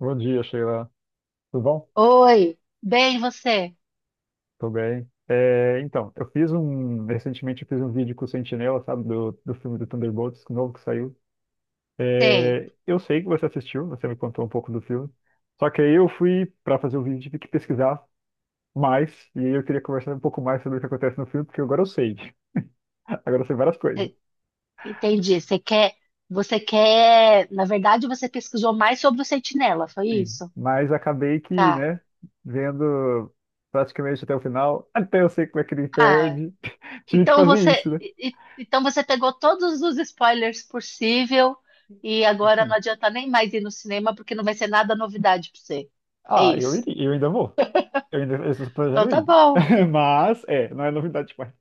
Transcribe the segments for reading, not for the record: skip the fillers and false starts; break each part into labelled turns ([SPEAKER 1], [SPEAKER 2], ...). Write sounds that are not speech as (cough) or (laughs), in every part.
[SPEAKER 1] Bom dia, Sheila. Tudo bom?
[SPEAKER 2] Oi, bem, você?
[SPEAKER 1] Tudo bem. Eu fiz um. Recentemente eu fiz um vídeo com o Sentinela, sabe, do filme do Thunderbolts, novo que saiu.
[SPEAKER 2] Sei.
[SPEAKER 1] Eu sei que você assistiu, você me contou um pouco do filme. Só que aí eu fui para fazer o vídeo, tive que pesquisar mais, e aí eu queria conversar um pouco mais sobre o que acontece no filme, porque agora eu sei. (laughs) Agora eu sei várias coisas.
[SPEAKER 2] E- Entendi. Você quer, na verdade você pesquisou mais sobre o Sentinela, foi
[SPEAKER 1] Sim.
[SPEAKER 2] isso?
[SPEAKER 1] Mas acabei que,
[SPEAKER 2] Tá.
[SPEAKER 1] né, vendo praticamente até o final, até eu sei como é que ele
[SPEAKER 2] Ah,
[SPEAKER 1] perde. (laughs) Tive que
[SPEAKER 2] então
[SPEAKER 1] fazer
[SPEAKER 2] você,
[SPEAKER 1] isso, né?
[SPEAKER 2] então você pegou todos os spoilers possível, e agora não
[SPEAKER 1] Sim.
[SPEAKER 2] adianta nem mais ir no cinema porque não vai ser nada novidade para você. É
[SPEAKER 1] Ah, eu
[SPEAKER 2] isso.
[SPEAKER 1] iria, eu ainda vou. Eu estou
[SPEAKER 2] Então
[SPEAKER 1] planejando
[SPEAKER 2] tá
[SPEAKER 1] ir.
[SPEAKER 2] bom,
[SPEAKER 1] (laughs) Mas, é, não é novidade demais.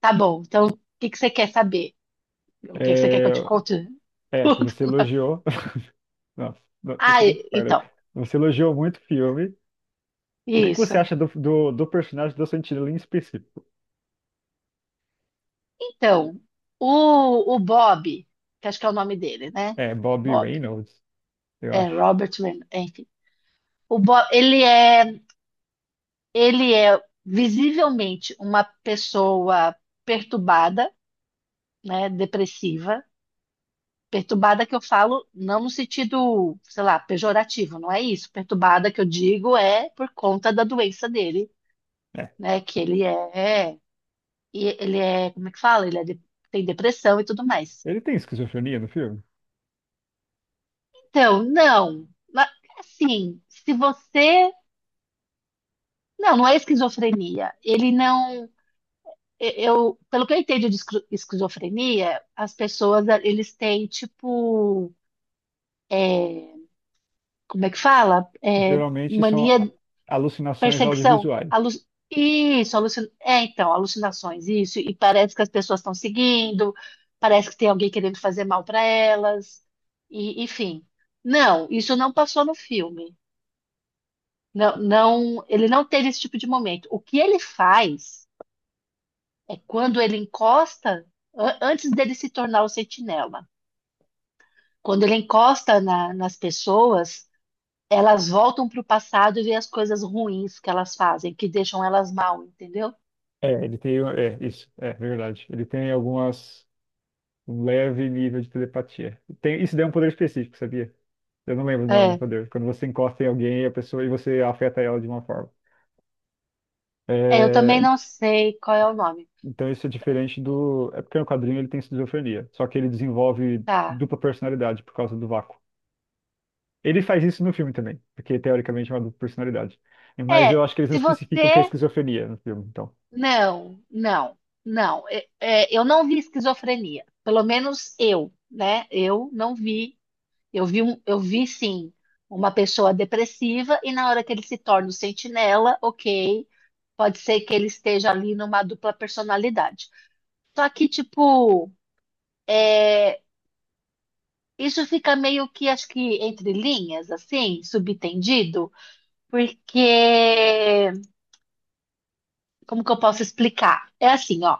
[SPEAKER 2] tá bom. Então o que que você quer saber? O que que você quer que eu
[SPEAKER 1] É,
[SPEAKER 2] te conte
[SPEAKER 1] que
[SPEAKER 2] (laughs)
[SPEAKER 1] você
[SPEAKER 2] tudo?
[SPEAKER 1] elogiou. (laughs) Nossa, não
[SPEAKER 2] Ah,
[SPEAKER 1] chega de spoiler.
[SPEAKER 2] então,
[SPEAKER 1] Você elogiou muito o filme. O que que você
[SPEAKER 2] isso.
[SPEAKER 1] acha do personagem do Sentinela em específico?
[SPEAKER 2] Então, o Bob, que acho que é o nome dele, né?
[SPEAKER 1] É Bobby
[SPEAKER 2] Bob.
[SPEAKER 1] Reynolds, eu
[SPEAKER 2] É,
[SPEAKER 1] acho.
[SPEAKER 2] Robert Raymond, enfim. O Bob, ele é, visivelmente uma pessoa perturbada, né? Depressiva. Perturbada que eu falo não no sentido, sei lá, pejorativo, não é isso. Perturbada que eu digo é por conta da doença dele,
[SPEAKER 1] É.
[SPEAKER 2] né? E ele é, como é que fala? Ele é, tem depressão e tudo mais.
[SPEAKER 1] Ele tem esquizofrenia no filme?
[SPEAKER 2] Então, não. Assim, se você. Não, não é esquizofrenia. Ele não. Eu, pelo que eu entendo de esquizofrenia, as pessoas, eles têm, tipo. Como é que fala? É,
[SPEAKER 1] Geralmente são
[SPEAKER 2] mania,
[SPEAKER 1] alucinações
[SPEAKER 2] perseguição.
[SPEAKER 1] audiovisuais.
[SPEAKER 2] Isso, é, então, alucinações, isso. E parece que as pessoas estão seguindo, parece que tem alguém querendo fazer mal para elas. E, enfim. Não, isso não passou no filme. Não, não, ele não teve esse tipo de momento. O que ele faz é quando ele encosta, antes dele se tornar o sentinela, quando ele encosta nas pessoas, elas voltam para o passado e vê as coisas ruins que elas fazem, que deixam elas mal, entendeu?
[SPEAKER 1] É, ele tem. É, isso, é verdade. Ele tem algumas. Um leve nível de telepatia. Tem, isso daí é um poder específico, sabia? Eu não lembro o nome do
[SPEAKER 2] É,
[SPEAKER 1] poder. Quando você encosta em alguém, a pessoa e você afeta ela de uma forma.
[SPEAKER 2] é, eu também
[SPEAKER 1] É.
[SPEAKER 2] não sei qual é o nome.
[SPEAKER 1] Então isso é diferente do. É porque no quadrinho ele tem esquizofrenia. Só que ele desenvolve
[SPEAKER 2] Tá.
[SPEAKER 1] dupla personalidade por causa do vácuo. Ele faz isso no filme também, porque teoricamente é uma dupla personalidade. Mas eu
[SPEAKER 2] É,
[SPEAKER 1] acho que eles não
[SPEAKER 2] se
[SPEAKER 1] especificam o que é
[SPEAKER 2] você.
[SPEAKER 1] esquizofrenia no filme, então.
[SPEAKER 2] Não, não, não. É, eu não vi esquizofrenia. Pelo menos eu, né? Eu não vi. Eu vi sim uma pessoa depressiva, e na hora que ele se torna o sentinela, ok, pode ser que ele esteja ali numa dupla personalidade. Só que, tipo, é, isso fica meio que, acho que entre linhas, assim, subtendido, porque, como que eu posso explicar? É assim, ó.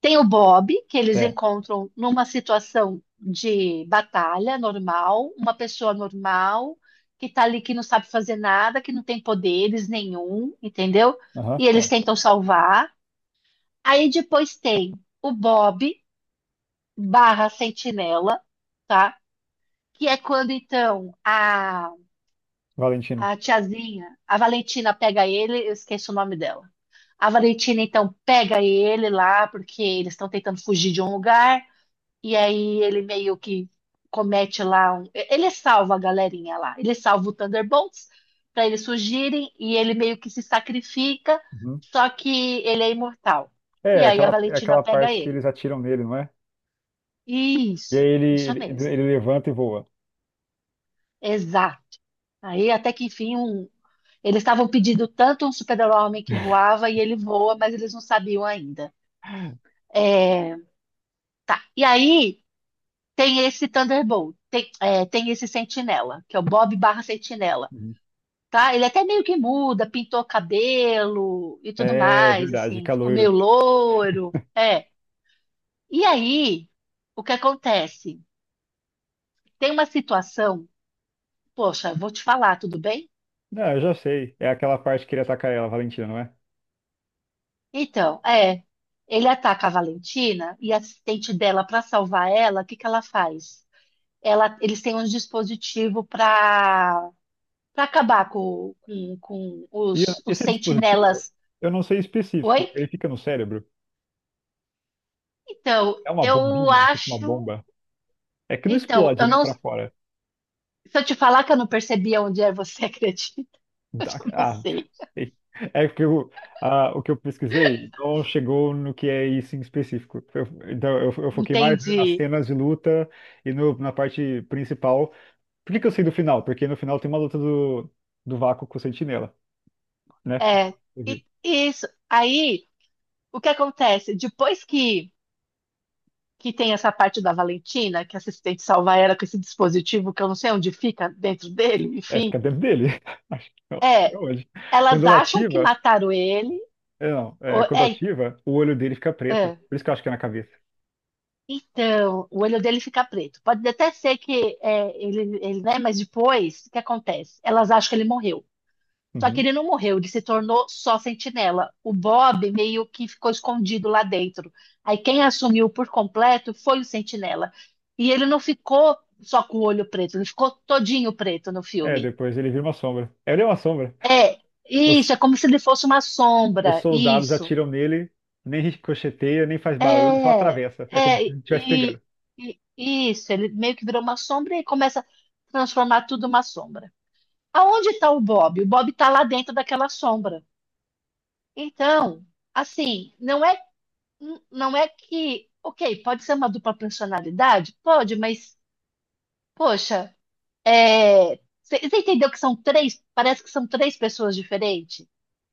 [SPEAKER 2] Tem o Bob, que eles
[SPEAKER 1] É.
[SPEAKER 2] encontram numa situação de batalha normal, uma pessoa normal que tá ali, que não sabe fazer nada, que não tem poderes nenhum, entendeu?
[SPEAKER 1] Aham.
[SPEAKER 2] E
[SPEAKER 1] É.
[SPEAKER 2] eles tentam salvar. Aí depois tem o Bob barra Sentinela, tá? Que é quando então a,
[SPEAKER 1] Valentino.
[SPEAKER 2] a tiazinha, a Valentina pega ele, eu esqueço o nome dela. A Valentina então pega ele lá porque eles estão tentando fugir de um lugar. E aí ele meio que comete lá um... Ele salva a galerinha lá. Ele salva o Thunderbolts para eles fugirem e ele meio que se sacrifica,
[SPEAKER 1] Uhum.
[SPEAKER 2] só que ele é imortal. E aí a
[SPEAKER 1] É
[SPEAKER 2] Valentina
[SPEAKER 1] aquela
[SPEAKER 2] pega
[SPEAKER 1] parte que
[SPEAKER 2] ele.
[SPEAKER 1] eles atiram nele, não é? E aí
[SPEAKER 2] Isso
[SPEAKER 1] ele
[SPEAKER 2] mesmo.
[SPEAKER 1] levanta e voa.
[SPEAKER 2] Exato. Aí até que enfim um... eles estavam pedindo tanto um super-homem que voava, e ele voa, mas eles não sabiam ainda. É, tá. E aí tem esse Thunderbolt, tem, tem esse Sentinela, que é o Bob barra Sentinela.
[SPEAKER 1] Uhum.
[SPEAKER 2] Tá? Ele até meio que muda, pintou cabelo e tudo
[SPEAKER 1] É
[SPEAKER 2] mais,
[SPEAKER 1] verdade,
[SPEAKER 2] assim, ficou
[SPEAKER 1] caloiro.
[SPEAKER 2] meio loiro. É. E aí, o que acontece? Tem uma situação, poxa, vou te falar, tudo bem?
[SPEAKER 1] Não, eu já sei. É aquela parte que ele ataca ela, Valentina, não é?
[SPEAKER 2] Então, é. Ele ataca a Valentina e a assistente dela. Para salvar ela, o que que ela faz? Ela, eles têm um dispositivo para acabar com
[SPEAKER 1] E eu-
[SPEAKER 2] os
[SPEAKER 1] esse dispositivo,
[SPEAKER 2] sentinelas.
[SPEAKER 1] eu não sei
[SPEAKER 2] Oi?
[SPEAKER 1] específico. Ele fica no cérebro.
[SPEAKER 2] Então,
[SPEAKER 1] É uma
[SPEAKER 2] eu
[SPEAKER 1] bombinha, tipo uma
[SPEAKER 2] acho,
[SPEAKER 1] bomba. É que não
[SPEAKER 2] então,
[SPEAKER 1] explode,
[SPEAKER 2] eu
[SPEAKER 1] nem
[SPEAKER 2] não,
[SPEAKER 1] pra fora.
[SPEAKER 2] se eu te falar que eu não percebia onde é, você acredita? (laughs) Eu não
[SPEAKER 1] Ah, (laughs)
[SPEAKER 2] sei.
[SPEAKER 1] sei. É que eu, ah, o que eu pesquisei não chegou no que é isso em específico. Eu foquei mais nas
[SPEAKER 2] Entendi.
[SPEAKER 1] cenas de luta e na parte principal. Por que que eu sei do final? Porque no final tem uma luta do Vácuo com o Sentinela, né?
[SPEAKER 2] É, isso. Aí, o que acontece? Depois que, tem essa parte da Valentina, que a assistente salva ela com esse dispositivo que eu não sei onde fica dentro dele,
[SPEAKER 1] É, fica
[SPEAKER 2] enfim,
[SPEAKER 1] dentro dele. (laughs) Acho que não, acho que
[SPEAKER 2] é,
[SPEAKER 1] é hoje. Quando
[SPEAKER 2] elas
[SPEAKER 1] ela
[SPEAKER 2] acham que
[SPEAKER 1] ativa,
[SPEAKER 2] mataram ele.
[SPEAKER 1] é, não, é,
[SPEAKER 2] ou-
[SPEAKER 1] quando
[SPEAKER 2] é,
[SPEAKER 1] ativa, o olho dele fica preto.
[SPEAKER 2] é.
[SPEAKER 1] Por isso que eu acho que é na cabeça.
[SPEAKER 2] Então, o olho dele fica preto. Pode até ser que é, ele, né? Mas depois, o que acontece? Elas acham que ele morreu. Só que
[SPEAKER 1] Uhum.
[SPEAKER 2] ele não morreu, ele se tornou só sentinela. O Bob meio que ficou escondido lá dentro. Aí quem assumiu por completo foi o sentinela. E ele não ficou só com o olho preto, ele ficou todinho preto no
[SPEAKER 1] É,
[SPEAKER 2] filme.
[SPEAKER 1] depois ele vira uma sombra. Ele é uma sombra.
[SPEAKER 2] É,
[SPEAKER 1] Os,
[SPEAKER 2] isso, é como se ele fosse uma
[SPEAKER 1] os
[SPEAKER 2] sombra.
[SPEAKER 1] soldados
[SPEAKER 2] Isso.
[SPEAKER 1] atiram nele, nem ricocheteia, nem faz barulho, só
[SPEAKER 2] É,
[SPEAKER 1] atravessa. É como
[SPEAKER 2] é,
[SPEAKER 1] se ele estivesse pegando.
[SPEAKER 2] e, isso, ele meio que virou uma sombra e começa a transformar tudo uma sombra. Aonde está o Bob? O Bob está lá dentro daquela sombra. Então, assim, não é. Não é que, ok, pode ser uma dupla personalidade? Pode, mas, poxa, é, você entendeu que são três? Parece que são três pessoas diferentes.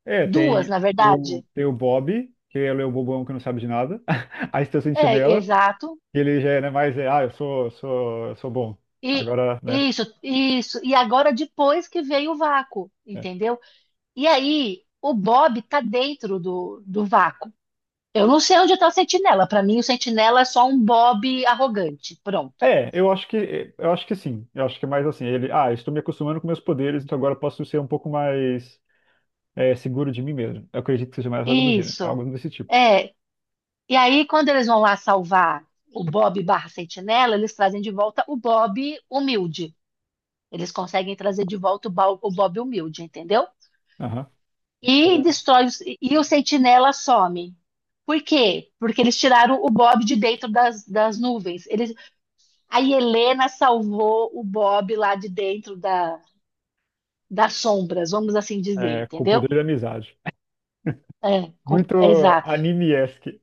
[SPEAKER 1] É,
[SPEAKER 2] Duas, na verdade.
[SPEAKER 1] tem o Bob, que ele é o bobão que não sabe de nada. (laughs) Aí tem o
[SPEAKER 2] É,
[SPEAKER 1] Sentinela,
[SPEAKER 2] exato.
[SPEAKER 1] que ele já é, né, mais, é, ah, eu sou bom.
[SPEAKER 2] E
[SPEAKER 1] Agora, né?
[SPEAKER 2] isso, isso. E agora depois que veio o vácuo, entendeu? E aí, o Bob tá dentro do vácuo. Eu não sei onde tá o Sentinela. Para mim, o Sentinela é só um Bob arrogante. Pronto.
[SPEAKER 1] Eu acho que sim. Eu acho que é mais assim, ele, ah, estou me acostumando com meus poderes, então agora eu posso ser um pouco mais é, seguro de mim mesmo. Eu acredito que seja mais algo do gênero,
[SPEAKER 2] Isso.
[SPEAKER 1] algo desse tipo.
[SPEAKER 2] É, e aí, quando eles vão lá salvar o Bob barra Sentinela, eles trazem de volta o Bob humilde. Eles conseguem trazer de volta o Bob humilde, entendeu?
[SPEAKER 1] Aham.
[SPEAKER 2] E
[SPEAKER 1] Com-
[SPEAKER 2] destrói e o Sentinela some. Por quê? Porque eles tiraram o Bob de dentro das, nuvens. Eles, a Helena salvou o Bob lá de dentro da, das sombras, vamos assim dizer,
[SPEAKER 1] É, com o
[SPEAKER 2] entendeu?
[SPEAKER 1] poder da amizade. (laughs)
[SPEAKER 2] É,
[SPEAKER 1] Muito
[SPEAKER 2] é, exato.
[SPEAKER 1] anime-esque.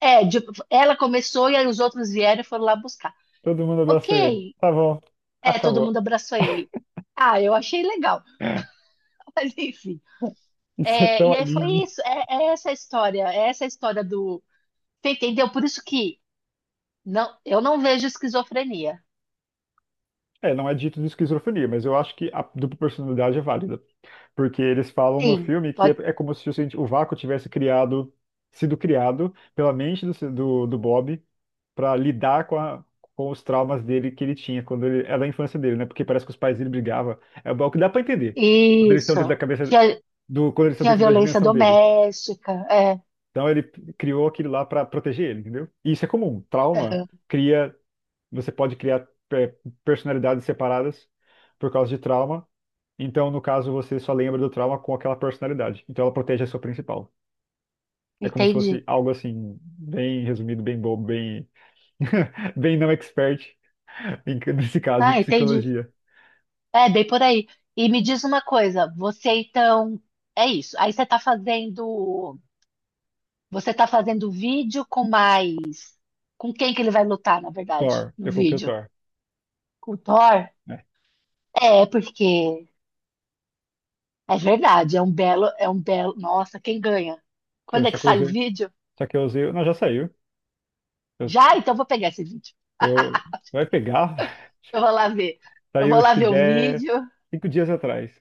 [SPEAKER 2] É, ela começou e aí os outros vieram e foram lá buscar.
[SPEAKER 1] Todo mundo abraçou ele.
[SPEAKER 2] Ok.
[SPEAKER 1] Tá bom,
[SPEAKER 2] É, todo
[SPEAKER 1] acabou.
[SPEAKER 2] mundo abraçou ele. Ah, eu achei legal. (laughs)
[SPEAKER 1] (laughs)
[SPEAKER 2] Mas enfim.
[SPEAKER 1] Isso é
[SPEAKER 2] É,
[SPEAKER 1] tão
[SPEAKER 2] e aí foi
[SPEAKER 1] anime.
[SPEAKER 2] isso. É, é essa a história. É essa a história do. Você entendeu? Por isso que não, eu não vejo esquizofrenia.
[SPEAKER 1] É, não é dito de esquizofrenia, mas eu acho que a dupla personalidade é válida. Porque eles falam no
[SPEAKER 2] Sim,
[SPEAKER 1] filme
[SPEAKER 2] pode.
[SPEAKER 1] é como se o, cienti- o vácuo tivesse criado, sido criado pela mente do, ci- do Bob para lidar com, a, com os traumas dele que ele tinha quando ele era da infância dele, né? Porque parece que os pais dele brigavam. É o que dá para entender quando eles estão dentro da
[SPEAKER 2] Isso.
[SPEAKER 1] cabeça
[SPEAKER 2] Tinha,
[SPEAKER 1] do, quando eles estão
[SPEAKER 2] tinha
[SPEAKER 1] dentro da
[SPEAKER 2] violência
[SPEAKER 1] dimensão dele.
[SPEAKER 2] doméstica. É.
[SPEAKER 1] Então ele criou aquilo lá para proteger ele, entendeu? E isso é comum. Trauma
[SPEAKER 2] Aham.
[SPEAKER 1] cria você pode criar personalidades separadas por causa de trauma. Então, no caso, você só lembra do trauma com aquela personalidade. Então, ela protege a sua principal. É como se fosse
[SPEAKER 2] Entendi.
[SPEAKER 1] algo assim, bem resumido, bem bobo, bem, (laughs) bem não expert, nesse caso de
[SPEAKER 2] Ah, entendi.
[SPEAKER 1] psicologia.
[SPEAKER 2] É, bem por aí. E me diz uma coisa, você então. É isso. Aí você tá fazendo. Você tá fazendo vídeo com mais. Com quem que ele vai lutar, na verdade,
[SPEAKER 1] Thor,
[SPEAKER 2] no
[SPEAKER 1] eu coloquei o
[SPEAKER 2] vídeo?
[SPEAKER 1] Thor,
[SPEAKER 2] Com o Thor?
[SPEAKER 1] né?
[SPEAKER 2] É, porque é verdade, é um belo, é um belo. Nossa, quem ganha?
[SPEAKER 1] Eu
[SPEAKER 2] Quando é
[SPEAKER 1] só
[SPEAKER 2] que
[SPEAKER 1] que eu
[SPEAKER 2] sai o
[SPEAKER 1] usei,
[SPEAKER 2] vídeo?
[SPEAKER 1] só que eu usei, não, já saiu. Eu,
[SPEAKER 2] Já? Então eu vou pegar esse vídeo.
[SPEAKER 1] eu- vai pegar,
[SPEAKER 2] Eu vou lá ver.
[SPEAKER 1] (laughs)
[SPEAKER 2] Eu
[SPEAKER 1] saiu
[SPEAKER 2] vou
[SPEAKER 1] acho
[SPEAKER 2] lá
[SPEAKER 1] que
[SPEAKER 2] ver o
[SPEAKER 1] 10,
[SPEAKER 2] vídeo.
[SPEAKER 1] cinco dias atrás, se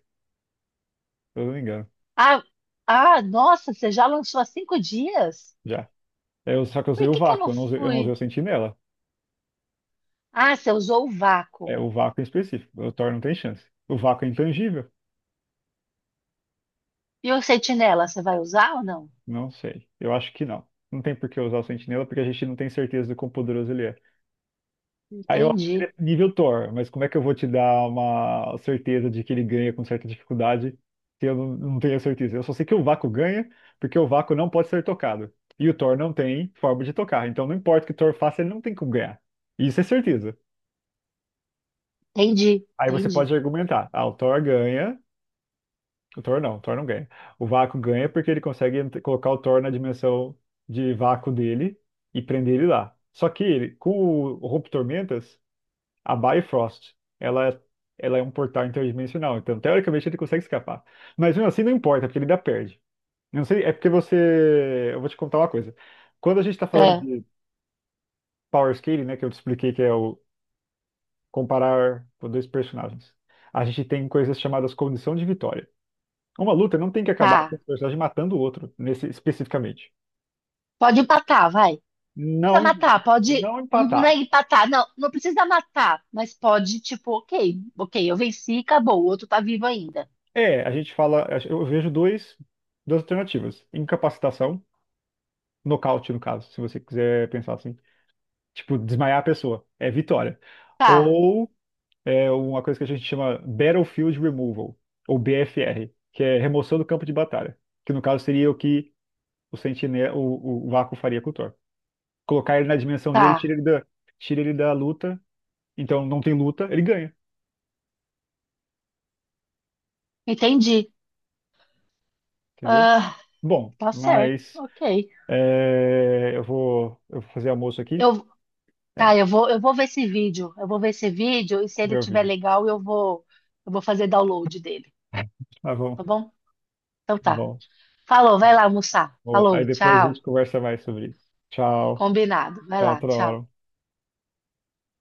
[SPEAKER 1] eu não me engano,
[SPEAKER 2] Ah, ah, nossa, você já lançou há 5 dias?
[SPEAKER 1] já. Eu, só que eu usei
[SPEAKER 2] Por
[SPEAKER 1] o
[SPEAKER 2] que que eu
[SPEAKER 1] vácuo,
[SPEAKER 2] não
[SPEAKER 1] eu não usei o
[SPEAKER 2] fui?
[SPEAKER 1] sentinela.
[SPEAKER 2] Ah, você usou o vácuo.
[SPEAKER 1] É o vácuo em específico. O Thor não tem chance. O vácuo é intangível?
[SPEAKER 2] E o sentinela, você vai usar ou não?
[SPEAKER 1] Não sei. Eu acho que não. Não tem por que usar o Sentinela, porque a gente não tem certeza do quão poderoso ele é. Aí eu acho que ele
[SPEAKER 2] Entendi,
[SPEAKER 1] é nível Thor, mas como é que eu vou te dar uma certeza de que ele ganha com certa dificuldade se eu não, não tenho a certeza? Eu só sei que o vácuo ganha, porque o vácuo não pode ser tocado. E o Thor não tem forma de tocar. Então não importa o que o Thor faça, ele não tem como ganhar. Isso é certeza.
[SPEAKER 2] entendi,
[SPEAKER 1] Aí você
[SPEAKER 2] entendi.
[SPEAKER 1] pode argumentar, ah, o Thor ganha. O Thor não ganha. O Vácuo ganha porque ele consegue ent- colocar o Thor na dimensão de vácuo dele e prender ele lá. Só que ele, com o Rompe Tormentas, a Bifrost, ela é um portal interdimensional. Então, teoricamente, ele consegue escapar. Mas mesmo assim, não importa, porque ele ainda perde. Eu não sei, é porque você. Eu vou te contar uma coisa. Quando a gente tá falando
[SPEAKER 2] É,
[SPEAKER 1] de Power Scaling, né, que eu te expliquei que é o comparar dois personagens, a gente tem coisas chamadas condição de vitória. Uma luta não tem que acabar com um
[SPEAKER 2] tá.
[SPEAKER 1] personagem matando o outro, nesse especificamente.
[SPEAKER 2] Pode empatar, vai. Precisa
[SPEAKER 1] Não,
[SPEAKER 2] matar, pode.
[SPEAKER 1] não
[SPEAKER 2] Não, não é
[SPEAKER 1] empatar.
[SPEAKER 2] empatar, não, não precisa matar, mas pode, tipo, ok, ok, eu venci, acabou, o outro tá vivo ainda.
[SPEAKER 1] É, a gente fala, duas alternativas. Incapacitação, nocaute no caso, se você quiser pensar assim. Tipo, desmaiar a pessoa, é vitória.
[SPEAKER 2] Tá,
[SPEAKER 1] Ou é uma coisa que a gente chama Battlefield Removal, ou BFR, que é remoção do campo de batalha, que no caso seria o que o Vácuo faria com o Thor. Colocar ele na dimensão dele,
[SPEAKER 2] tá,
[SPEAKER 1] tira ele da luta. Então não tem luta, ele ganha,
[SPEAKER 2] entendi.
[SPEAKER 1] entendeu?
[SPEAKER 2] Ah,
[SPEAKER 1] Bom,
[SPEAKER 2] tá certo,
[SPEAKER 1] mas
[SPEAKER 2] ok.
[SPEAKER 1] eu vou fazer almoço aqui.
[SPEAKER 2] Eu,
[SPEAKER 1] É,
[SPEAKER 2] tá, eu vou ver esse vídeo, eu vou ver esse vídeo e se
[SPEAKER 1] ver
[SPEAKER 2] ele
[SPEAKER 1] o
[SPEAKER 2] tiver
[SPEAKER 1] vídeo.
[SPEAKER 2] legal, eu vou fazer download dele,
[SPEAKER 1] Tá bom,
[SPEAKER 2] tá
[SPEAKER 1] tá
[SPEAKER 2] bom? Então tá.
[SPEAKER 1] bom.
[SPEAKER 2] Falou, vai
[SPEAKER 1] É,
[SPEAKER 2] lá almoçar.
[SPEAKER 1] bom. Aí
[SPEAKER 2] Falou,
[SPEAKER 1] depois a
[SPEAKER 2] tchau.
[SPEAKER 1] gente conversa mais sobre isso. Tchau,
[SPEAKER 2] Combinado, vai
[SPEAKER 1] até
[SPEAKER 2] lá,
[SPEAKER 1] outra
[SPEAKER 2] tchau.
[SPEAKER 1] hora.